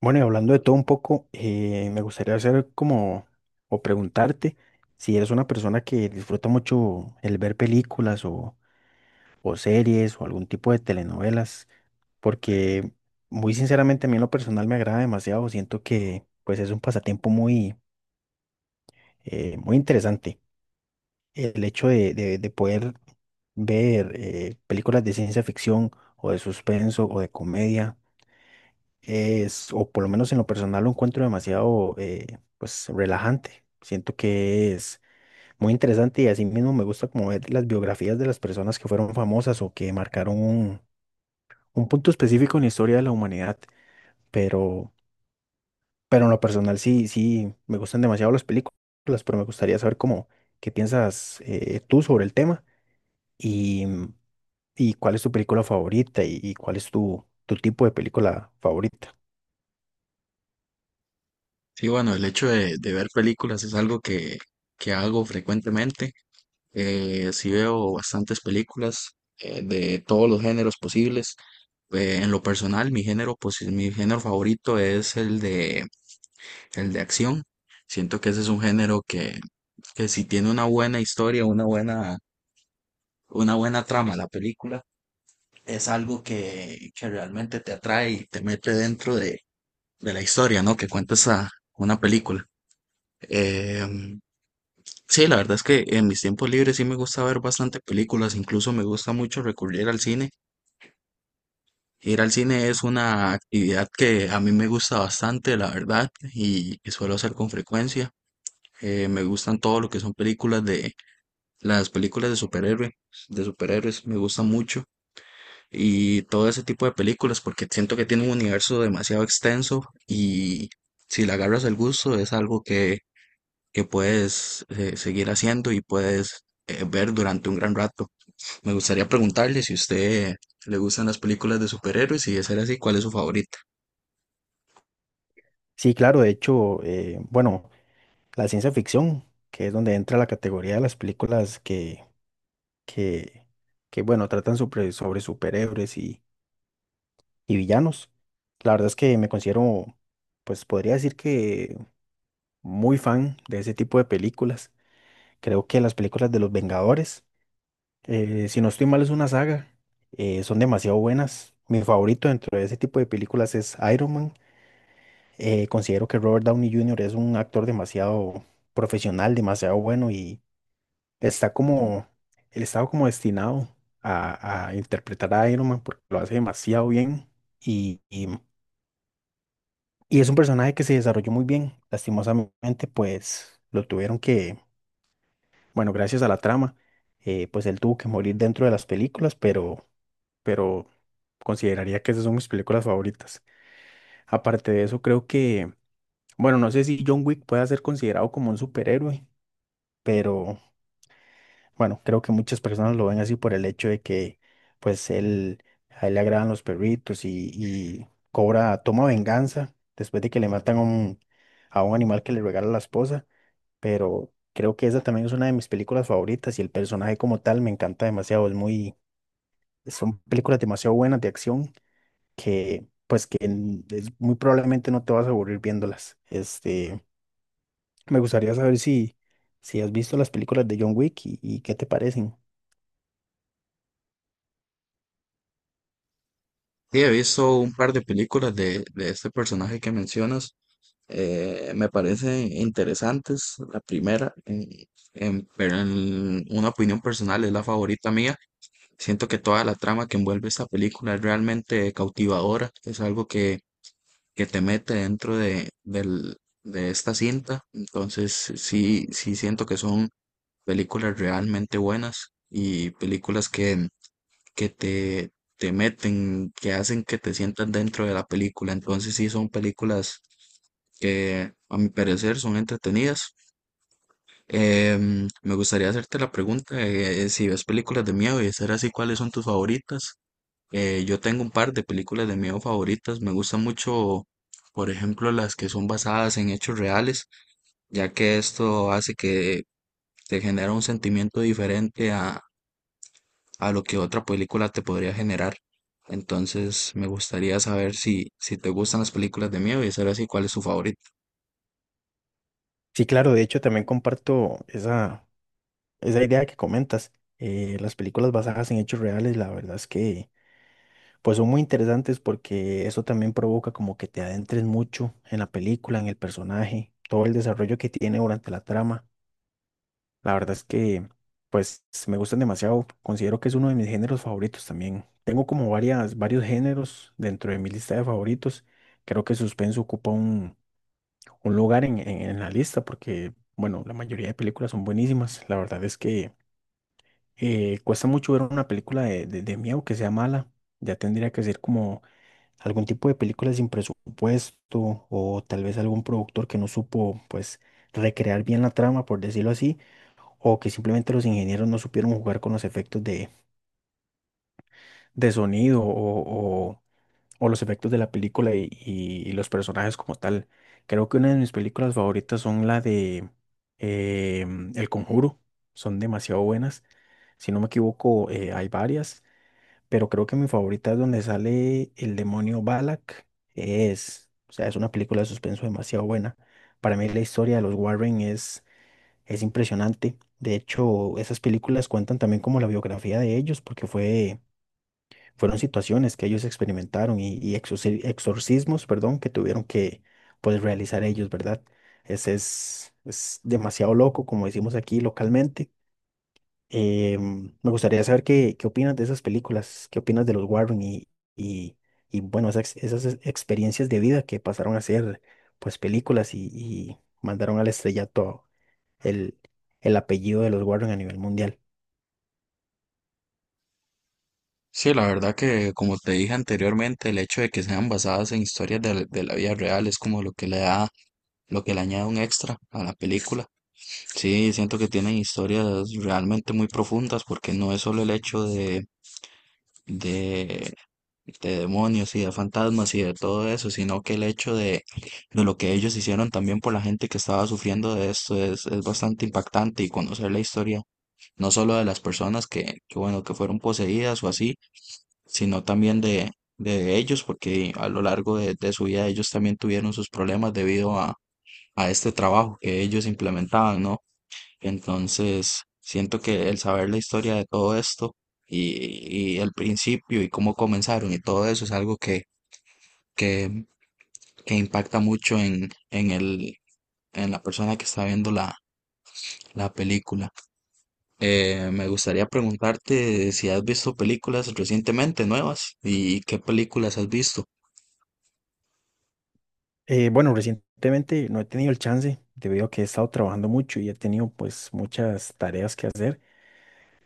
Bueno, y hablando de todo un poco, me gustaría hacer como, o preguntarte si eres una persona que disfruta mucho el ver películas o series o algún tipo de telenovelas, porque muy sinceramente a mí en lo personal me agrada demasiado, siento que pues es un pasatiempo muy interesante. El hecho de poder ver películas de ciencia ficción o de suspenso o de comedia es, o por lo menos en lo personal lo encuentro pues, relajante. Siento que es muy interesante y así mismo me gusta como ver las biografías de las personas que fueron famosas o que marcaron un punto específico en la historia de la humanidad. Pero, pero en lo personal sí, sí, me gustan demasiado las películas, pero me gustaría saber cómo, qué piensas tú sobre el tema y, y cuál es tu película favorita y cuál es tu, tu tipo de película favorita. Sí, bueno, el hecho de ver películas es algo que hago frecuentemente. Sí veo bastantes películas de todos los géneros posibles. En lo personal, mi género, pues, mi género favorito es el el de acción. Siento que ese es un género que si tiene una buena historia, una buena trama la película, es algo que realmente te atrae y te mete dentro de la historia, ¿no? Que cuenta esa, una película. Em, Sí, la verdad es que en mis tiempos libres sí me gusta ver bastante películas, incluso me gusta mucho recurrir al cine. Ir al cine es una actividad que a mí me gusta bastante, la verdad, y suelo hacer con frecuencia. Me gustan todo lo que son películas de las películas de superhéroes, me gusta mucho y todo ese tipo de películas porque siento que tiene un universo demasiado extenso y si le agarras el gusto es algo que puedes seguir haciendo y puedes ver durante un gran rato. Me gustaría preguntarle si a usted le gustan las películas de superhéroes y de ser así, ¿cuál es su favorita? Sí, claro, de hecho, La ciencia ficción, que es donde entra la categoría de las películas que, que, que bueno, tratan sobre, sobre superhéroes y villanos. La verdad es que me considero, pues podría decir que muy fan de ese tipo de películas. Creo que las películas de los Vengadores, si no estoy mal, es una saga, son demasiado buenas. Mi favorito dentro de ese tipo de películas es Iron Man. Considero que Robert Downey Jr. es un actor demasiado profesional, demasiado bueno y está como, él estaba como destinado a interpretar a Iron Man porque lo hace demasiado bien y, y, y es un personaje que se desarrolló muy bien. Lastimosamente, pues lo tuvieron que, bueno, gracias a la trama, pues él tuvo que morir dentro de las películas, pero consideraría que esas son mis películas favoritas. Aparte de eso, creo que, bueno, no sé si John Wick pueda ser considerado como un superhéroe, pero... Bueno, creo que muchas personas lo ven así por el hecho de que, pues, él, a él le agradan los perritos y cobra, toma venganza después de que le matan a un animal que le regala la esposa. Pero creo que esa también es una de mis películas favoritas y el personaje como tal me encanta demasiado. Es muy, son películas demasiado buenas de acción que, pues, muy probablemente no te vas a aburrir viéndolas. Este, me gustaría saber si, si has visto las películas de John Wick y qué te parecen. Sí, he visto un par de películas de este personaje que mencionas. Me parecen interesantes. La primera, pero en una opinión personal, es la favorita mía. Siento que toda la trama que envuelve esta película es realmente cautivadora. Es algo que te mete de esta cinta. Entonces, sí siento que son películas realmente buenas y películas que te, te meten, que hacen que te sientas dentro de la película. Entonces sí son películas que a mi parecer son entretenidas. Me gustaría hacerte la pregunta de si ves películas de miedo y de ser así, ¿cuáles son tus favoritas? Yo tengo un par de películas de miedo favoritas. Me gustan mucho, por ejemplo, las que son basadas en hechos reales, ya que esto hace que te genera un sentimiento diferente a lo que otra película te podría generar. Entonces, me gustaría saber si te gustan las películas de miedo y saber así cuál es su favorito. Sí, claro, de hecho también comparto esa, esa idea que comentas. Las películas basadas en hechos reales, la verdad es que pues son muy interesantes porque eso también provoca como que te adentres mucho en la película, en el personaje, todo el desarrollo que tiene durante la trama. La verdad es que pues me gustan demasiado, considero que es uno de mis géneros favoritos también. Tengo como varias, varios géneros dentro de mi lista de favoritos. Creo que suspenso ocupa un lugar en, en la lista porque, bueno, la mayoría de películas son buenísimas. La verdad es que cuesta mucho ver una película de miedo que sea mala. Ya tendría que ser como algún tipo de película sin presupuesto o tal vez algún productor que no supo, pues, recrear bien la trama, por decirlo así, o que simplemente los ingenieros no supieron jugar con los efectos de sonido o los efectos de la película y, y los personajes como tal. Creo que una de mis películas favoritas son la de eh, El Conjuro. Son demasiado buenas. Si no me equivoco, hay varias, pero creo que mi favorita es donde sale el demonio Balak. Es, o sea, es una película de suspenso demasiado buena. Para mí la historia de los Warren es impresionante. De hecho, esas películas cuentan también como la biografía de ellos, porque fueron situaciones que ellos experimentaron y exorcismos, perdón, que tuvieron que pues, realizar ellos, ¿verdad? Ese es demasiado loco, como decimos aquí localmente. Me gustaría saber qué, qué opinas de esas películas, qué opinas de los Warren y, y, bueno, esas, esas experiencias de vida que pasaron a ser pues películas y mandaron al estrellato el, el apellido de los Warren a nivel mundial. Sí, la verdad que, como te dije anteriormente, el hecho de que sean basadas en historias de la vida real es como lo que le da, lo que le añade un extra a la película. Sí, siento que tienen historias realmente muy profundas porque no es solo el hecho de de demonios y de fantasmas y de todo eso, sino que el hecho de lo que ellos hicieron también por la gente que estaba sufriendo de esto es bastante impactante y conocer la historia, no solo de las personas bueno, que fueron poseídas o así, sino también de ellos, porque a lo largo de su vida ellos también tuvieron sus problemas debido a este trabajo que ellos implementaban, ¿no? Entonces, siento que el saber la historia de todo esto y el principio y cómo comenzaron y todo eso es algo que, que impacta mucho en la persona que está viendo la película. Me gustaría preguntarte si has visto películas recientemente nuevas y qué películas has visto. Bueno, recientemente no he tenido el chance debido a que he estado trabajando mucho y he tenido pues muchas tareas que hacer,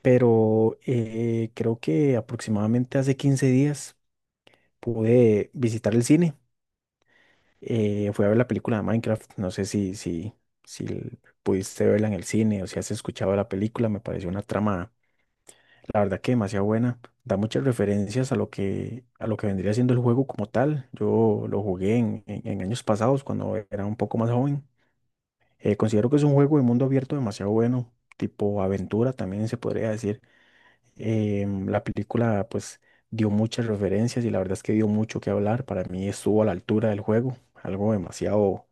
pero creo que aproximadamente hace 15 días pude visitar el cine. Fui a ver la película de Minecraft, no sé si, si, pudiste verla en el cine o si has escuchado la película, me pareció una trama, la verdad que demasiado buena. Da muchas referencias a lo que vendría siendo el juego como tal. Yo lo jugué en en años pasados cuando era un poco más joven. Considero que es un juego de mundo abierto demasiado bueno, tipo aventura también se podría decir. La película pues dio muchas referencias y la verdad es que dio mucho que hablar. Para mí estuvo a la altura del juego, algo demasiado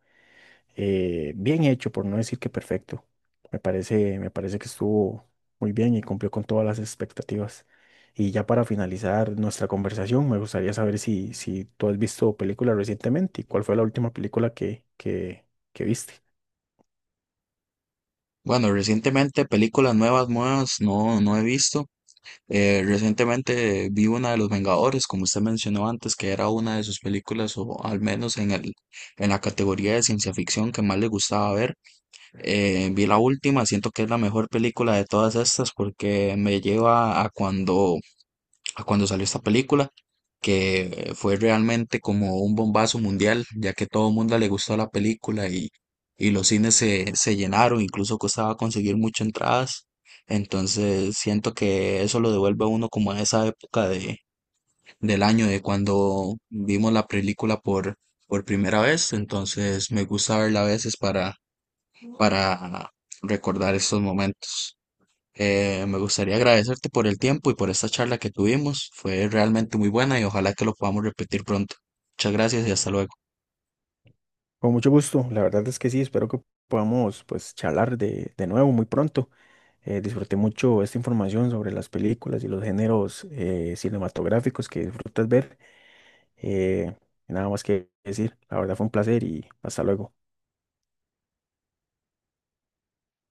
bien hecho, por no decir que perfecto. Me parece que estuvo muy bien y cumplió con todas las expectativas. Y ya para finalizar nuestra conversación, me gustaría saber si, si tú has visto películas recientemente y cuál fue la última película que viste. Bueno, recientemente películas nuevas, nuevas no he visto. Recientemente vi una de Los Vengadores, como usted mencionó antes, que era una de sus películas, o al menos en en la categoría de ciencia ficción que más le gustaba ver. Vi la última, siento que es la mejor película de todas estas porque me lleva a a cuando salió esta película, que fue realmente como un bombazo mundial, ya que todo el mundo le gustó la película y los cines se llenaron, incluso costaba conseguir muchas entradas. Entonces siento que eso lo devuelve a uno como a esa época de, del año de cuando vimos la película por primera vez. Entonces me gusta verla a veces para recordar estos momentos. Me gustaría agradecerte por el tiempo y por esta charla que tuvimos. Fue realmente muy buena y ojalá que lo podamos repetir pronto. Muchas gracias y hasta luego. Con mucho gusto, la verdad es que sí, espero que podamos pues charlar de nuevo muy pronto. Disfruté mucho esta información sobre las películas y los géneros cinematográficos que disfrutas ver. Eh, nada más que decir, la verdad fue un placer y hasta luego.